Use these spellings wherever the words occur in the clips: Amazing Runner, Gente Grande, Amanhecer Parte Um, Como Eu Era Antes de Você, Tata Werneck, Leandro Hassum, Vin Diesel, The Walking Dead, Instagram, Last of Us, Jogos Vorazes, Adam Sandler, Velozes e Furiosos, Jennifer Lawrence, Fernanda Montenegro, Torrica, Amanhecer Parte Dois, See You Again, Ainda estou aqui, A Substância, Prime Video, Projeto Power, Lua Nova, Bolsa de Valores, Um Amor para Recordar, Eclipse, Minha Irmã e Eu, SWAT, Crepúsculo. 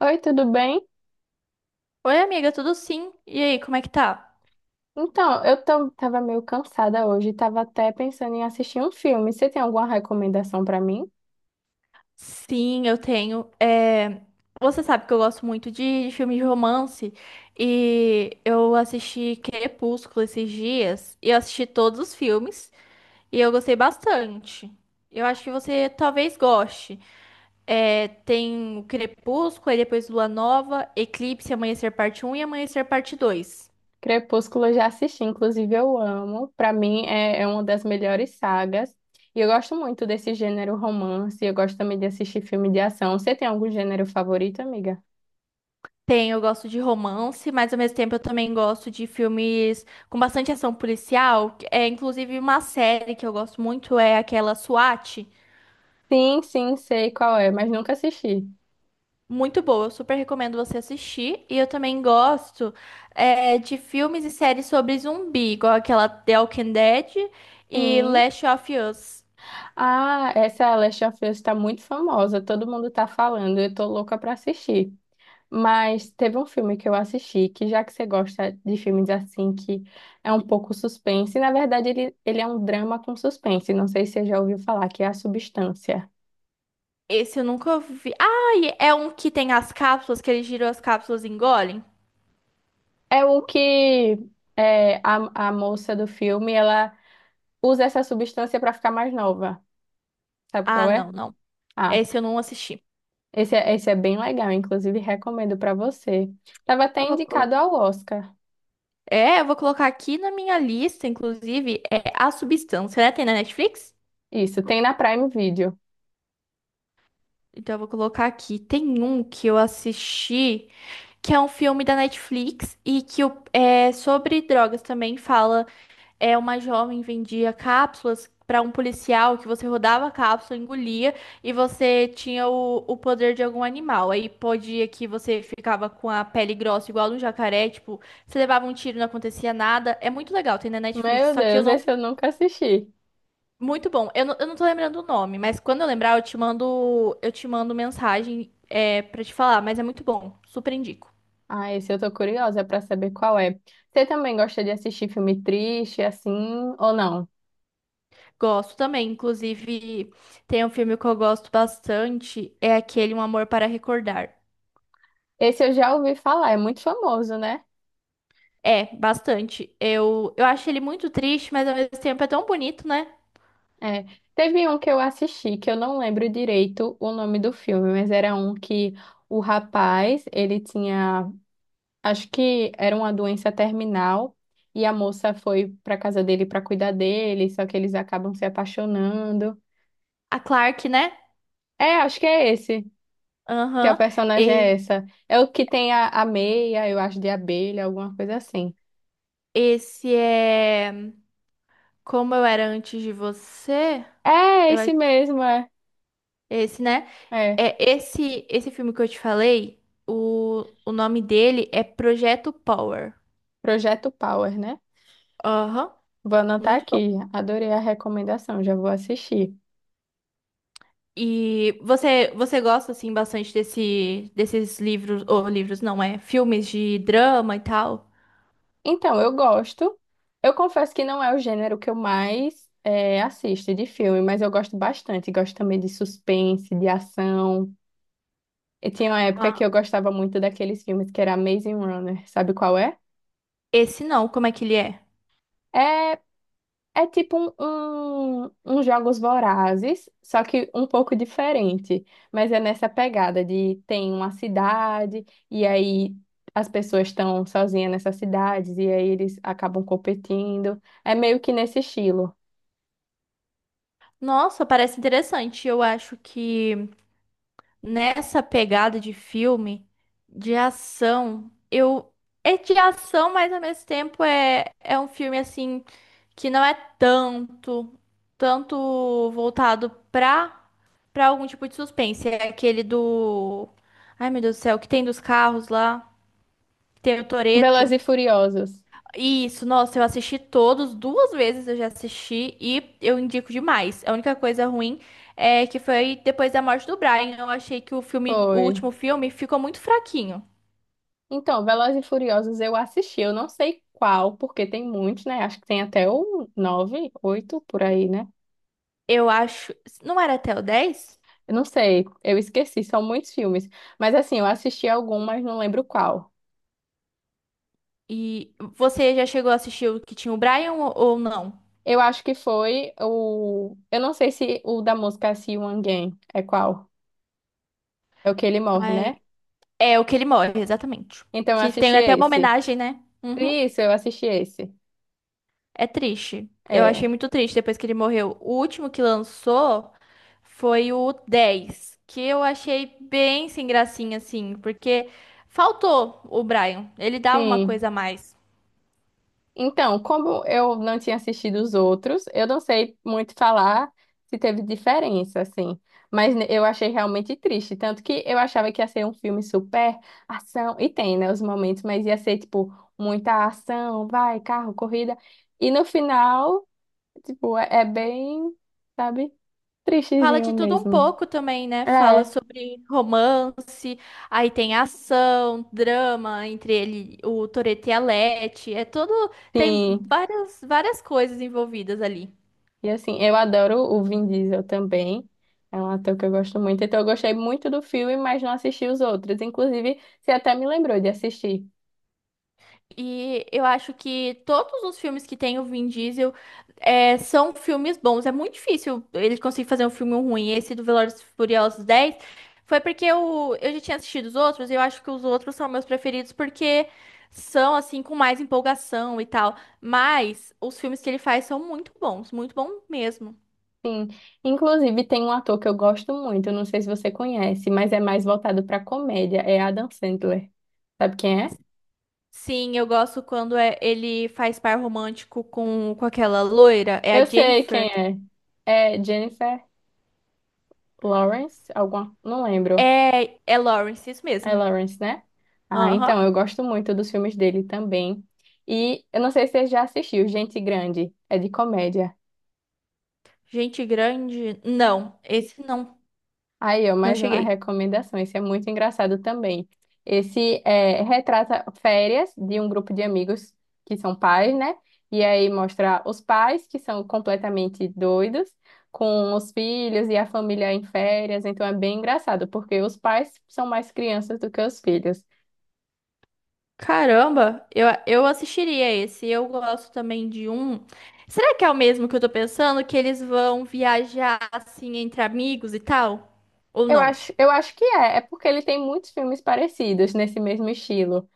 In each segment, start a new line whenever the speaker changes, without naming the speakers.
Oi, tudo bem?
Oi, amiga, tudo sim? E aí, como é que tá?
Então, tava meio cansada hoje, tava até pensando em assistir um filme. Você tem alguma recomendação pra mim?
Sim, eu tenho. Você sabe que eu gosto muito de filme de romance e eu assisti Crepúsculo esses dias e eu assisti todos os filmes e eu gostei bastante. Eu acho que você talvez goste. Tem o Crepúsculo, aí depois Lua Nova, Eclipse, Amanhecer Parte Um e Amanhecer Parte Dois.
Crepúsculo eu já assisti, inclusive eu amo. Pra mim é uma das melhores sagas. E eu gosto muito desse gênero romance, eu gosto também de assistir filme de ação. Você tem algum gênero favorito, amiga?
Tem, eu gosto de romance, mas ao mesmo tempo eu também gosto de filmes com bastante ação policial. É inclusive uma série que eu gosto muito é aquela SWAT,
Sim, sim, sei qual é, mas nunca assisti.
muito boa. Eu super recomendo você assistir. E eu também gosto de filmes e séries sobre zumbi, igual aquela The Walking Dead e
Sim.
Last of Us.
Ah, essa Last of Us tá muito famosa, todo mundo tá falando, eu tô louca pra assistir. Mas teve um filme que eu assisti, que já que você gosta de filmes assim, que é um pouco suspense, na verdade ele é um drama com suspense, não sei se você já ouviu falar, que é A Substância.
Esse eu nunca vi. Ah, e é um que tem as cápsulas que eles giram as cápsulas e engolem.
É o que é, a moça do filme, ela usa essa substância para ficar mais nova. Sabe
Ah,
qual
não,
é?
não.
Ah,
Esse eu não assisti.
esse é bem legal, inclusive recomendo para você. Tava até
Eu vou
indicado
colocar.
ao Oscar.
Eu vou colocar aqui na minha lista, inclusive, é A Substância, né? Tem na Netflix?
Isso, tem na Prime Video.
Então eu vou colocar aqui. Tem um que eu assisti, que é um filme da Netflix e que é sobre drogas também fala. É uma jovem vendia cápsulas para um policial que você rodava a cápsula, engolia e você tinha o poder de algum animal. Aí podia que você ficava com a pele grossa igual a um jacaré, tipo, você levava um tiro e não acontecia nada. É muito legal, tem na Netflix,
Meu
só que eu
Deus,
não.
esse eu nunca assisti.
Muito bom. Eu não tô lembrando o nome, mas quando eu lembrar, eu te mando, mensagem para te falar, mas é muito bom. Super indico.
Ah, esse eu tô curiosa pra saber qual é. Você também gosta de assistir filme triste, assim, ou não?
Gosto também. Inclusive, tem um filme que eu gosto bastante, é aquele Um Amor para Recordar.
Esse eu já ouvi falar, é muito famoso, né?
É, bastante. Eu acho ele muito triste, mas ao mesmo tempo é tão bonito, né?
É. Teve um que eu assisti, que eu não lembro direito o nome do filme, mas era um que o rapaz, ele tinha, acho que era uma doença terminal, e a moça foi pra casa dele pra cuidar dele, só que eles acabam se apaixonando.
A Clark, né?
É, acho que é esse. Que a
Aham.
personagem é
E-
essa. É o que tem a meia, eu acho, de abelha, alguma coisa assim.
Esse é Como Eu Era Antes de Você.
É,
Eu acho-
esse mesmo, é.
Esse, né?
É.
É esse filme que eu te falei, o nome dele é Projeto Power.
Projeto Power, né?
Aham,
Vou anotar
muito bom.
aqui. Adorei a recomendação, já vou assistir.
E você gosta assim bastante desses livros ou livros não é, filmes de drama e tal?
Então, eu gosto. Eu confesso que não é o gênero que eu mais assisto de filme, mas eu gosto bastante. Gosto também de suspense, de ação. E tinha uma época
Ah,
que eu gostava muito daqueles filmes que era Amazing Runner. Sabe qual é?
esse não, como é que ele é?
É. É tipo um Jogos Vorazes, só que um pouco diferente. Mas é nessa pegada de tem uma cidade, e aí as pessoas estão sozinhas nessas cidades, e aí eles acabam competindo. É meio que nesse estilo.
Nossa, parece interessante. Eu acho que nessa pegada de filme de ação, eu é de ação, mas ao mesmo tempo é um filme assim que não é tanto voltado pra algum tipo de suspense. É aquele do. Ai, meu Deus do céu, que tem dos carros lá, que tem o
Velozes
Toreto.
e Furiosos.
Isso, nossa, eu assisti todos, duas vezes eu já assisti e eu indico demais. A única coisa ruim é que foi depois da morte do Brian. Eu achei que o filme, o
Foi.
último filme, ficou muito fraquinho.
Então, Velozes e Furiosos eu assisti, eu não sei qual, porque tem muitos, né? Acho que tem até o nove, oito por aí, né?
Eu acho. Não era até o 10?
Eu não sei, eu esqueci, são muitos filmes. Mas assim, eu assisti algum, mas não lembro qual.
E você já chegou a assistir o que tinha o Brian ou não?
Eu acho que foi o. Eu não sei se o da música See You Again é qual. É o que ele morre, né?
É o que ele morre, exatamente.
Então eu
Que
assisti
tem até uma
esse.
homenagem, né? Uhum.
Isso, eu assisti esse.
É triste. Eu achei
É.
muito triste depois que ele morreu. O último que lançou foi o 10, que eu achei bem sem gracinha, assim, porque faltou o Brian. Ele dava uma
Sim.
coisa a mais.
Então, como eu não tinha assistido os outros, eu não sei muito falar se teve diferença, assim. Mas eu achei realmente triste. Tanto que eu achava que ia ser um filme super ação. E tem, né, os momentos, mas ia ser, tipo, muita ação, vai, carro, corrida. E no final, tipo, é bem, sabe,
Fala
tristezinho
de tudo um
mesmo.
pouco também, né? Fala
É,
sobre romance, aí tem ação, drama entre ele, o Toretto e a Letty. É todo. Tem
sim.
várias, várias coisas envolvidas ali.
E assim, eu adoro o Vin Diesel também. É um ator que eu gosto muito. Então eu gostei muito do filme, mas não assisti os outros. Inclusive, você até me lembrou de assistir.
E eu acho que todos os filmes que tem o Vin Diesel são filmes bons. É muito difícil ele conseguir fazer um filme ruim. Esse do Velozes e Furiosos 10 foi porque eu já tinha assistido os outros e eu acho que os outros são meus preferidos porque são, assim, com mais empolgação e tal. Mas os filmes que ele faz são muito bons, muito bom mesmo.
Sim. Inclusive, tem um ator que eu gosto muito, eu não sei se você conhece, mas é mais voltado para comédia, é Adam Sandler. Sabe quem é?
Sim, eu gosto quando ele faz par romântico com aquela loira. É a
Eu sei quem
Jennifer?
é. É Jennifer Lawrence, alguma, não lembro.
É, é Lawrence, isso
É
mesmo.
Lawrence, né? Ah,
Aham.
então eu gosto muito dos filmes dele também. E eu não sei se você já assistiu Gente Grande, é de comédia.
Gente grande? Não, esse não.
Aí, ó,
Não
mais uma
cheguei.
recomendação. Esse é muito engraçado também. Esse é, retrata férias de um grupo de amigos que são pais, né? E aí mostra os pais que são completamente doidos com os filhos e a família em férias. Então é bem engraçado, porque os pais são mais crianças do que os filhos.
Caramba, eu assistiria esse. Eu gosto também de um. Será que é o mesmo que eu tô pensando? Que eles vão viajar assim entre amigos e tal? Ou não?
Eu acho que é. É porque ele tem muitos filmes parecidos nesse mesmo estilo.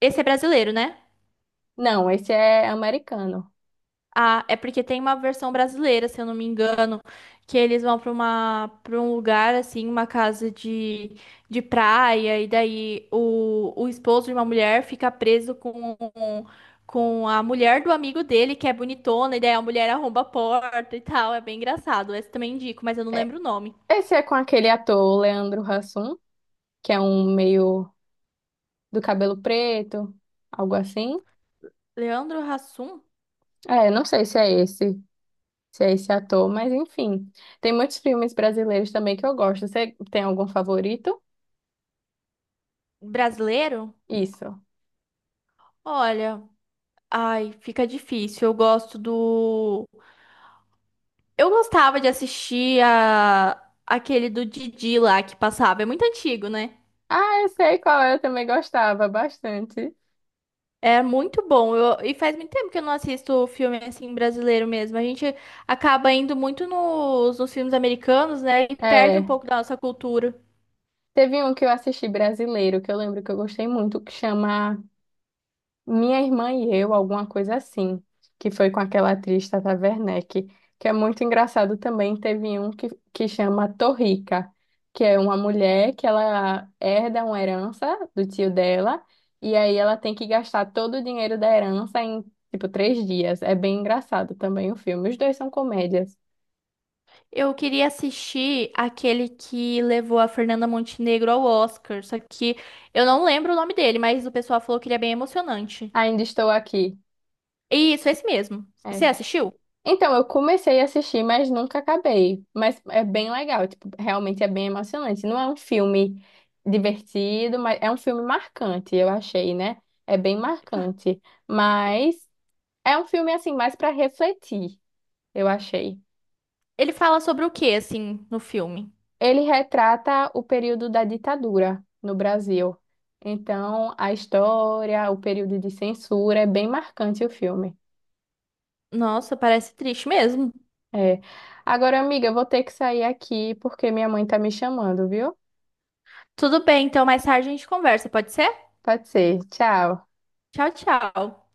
Esse é brasileiro, né?
Não, esse é americano.
Ah, é porque tem uma versão brasileira, se eu não me engano, que eles vão para um lugar assim, uma casa de praia e daí o esposo de uma mulher fica preso com a mulher do amigo dele, que é bonitona, e daí a mulher arromba a porta e tal, é bem engraçado. Esse também indico, mas eu não
É-
lembro o nome.
Esse é com aquele ator, o Leandro Hassum, que é um meio do cabelo preto, algo assim.
Leandro Hassum,
É, não sei se é esse ator, mas enfim. Tem muitos filmes brasileiros também que eu gosto. Você tem algum favorito?
brasileiro?
Isso.
Olha, ai, fica difícil. Eu gosto do Eu gostava de assistir a aquele do Didi lá que passava. É muito antigo, né?
Ah, eu sei qual é, eu também gostava bastante.
É muito bom. E faz muito tempo que eu não assisto filme assim brasileiro mesmo. A gente acaba indo muito nos filmes americanos, né? E perde um
É,
pouco da nossa cultura.
teve um que eu assisti brasileiro, que eu lembro que eu gostei muito, que chama Minha Irmã e Eu, alguma coisa assim, que foi com aquela atriz Tata Werneck, que é muito engraçado também. Teve um que chama Torrica, que é uma mulher que ela herda uma herança do tio dela, e aí ela tem que gastar todo o dinheiro da herança em, tipo, três dias. É bem engraçado também o filme. Os dois são comédias.
Eu queria assistir aquele que levou a Fernanda Montenegro ao Oscar. Só que eu não lembro o nome dele, mas o pessoal falou que ele é bem emocionante.
Ainda estou aqui.
Isso, é esse mesmo.
É.
Você assistiu?
Então, eu comecei a assistir, mas nunca acabei. Mas é bem legal, tipo, realmente é bem emocionante. Não é um filme divertido, mas é um filme marcante, eu achei, né? É bem marcante, mas é um filme assim mais para refletir, eu achei.
Ele fala sobre o que, assim, no filme?
Ele retrata o período da ditadura no Brasil. Então, a história, o período de censura, é bem marcante o filme.
Nossa, parece triste mesmo.
É. Agora, amiga, eu vou ter que sair aqui porque minha mãe tá me chamando, viu?
Tudo bem, então mais tarde a gente conversa, pode ser?
Pode ser. Tchau.
Tchau, tchau.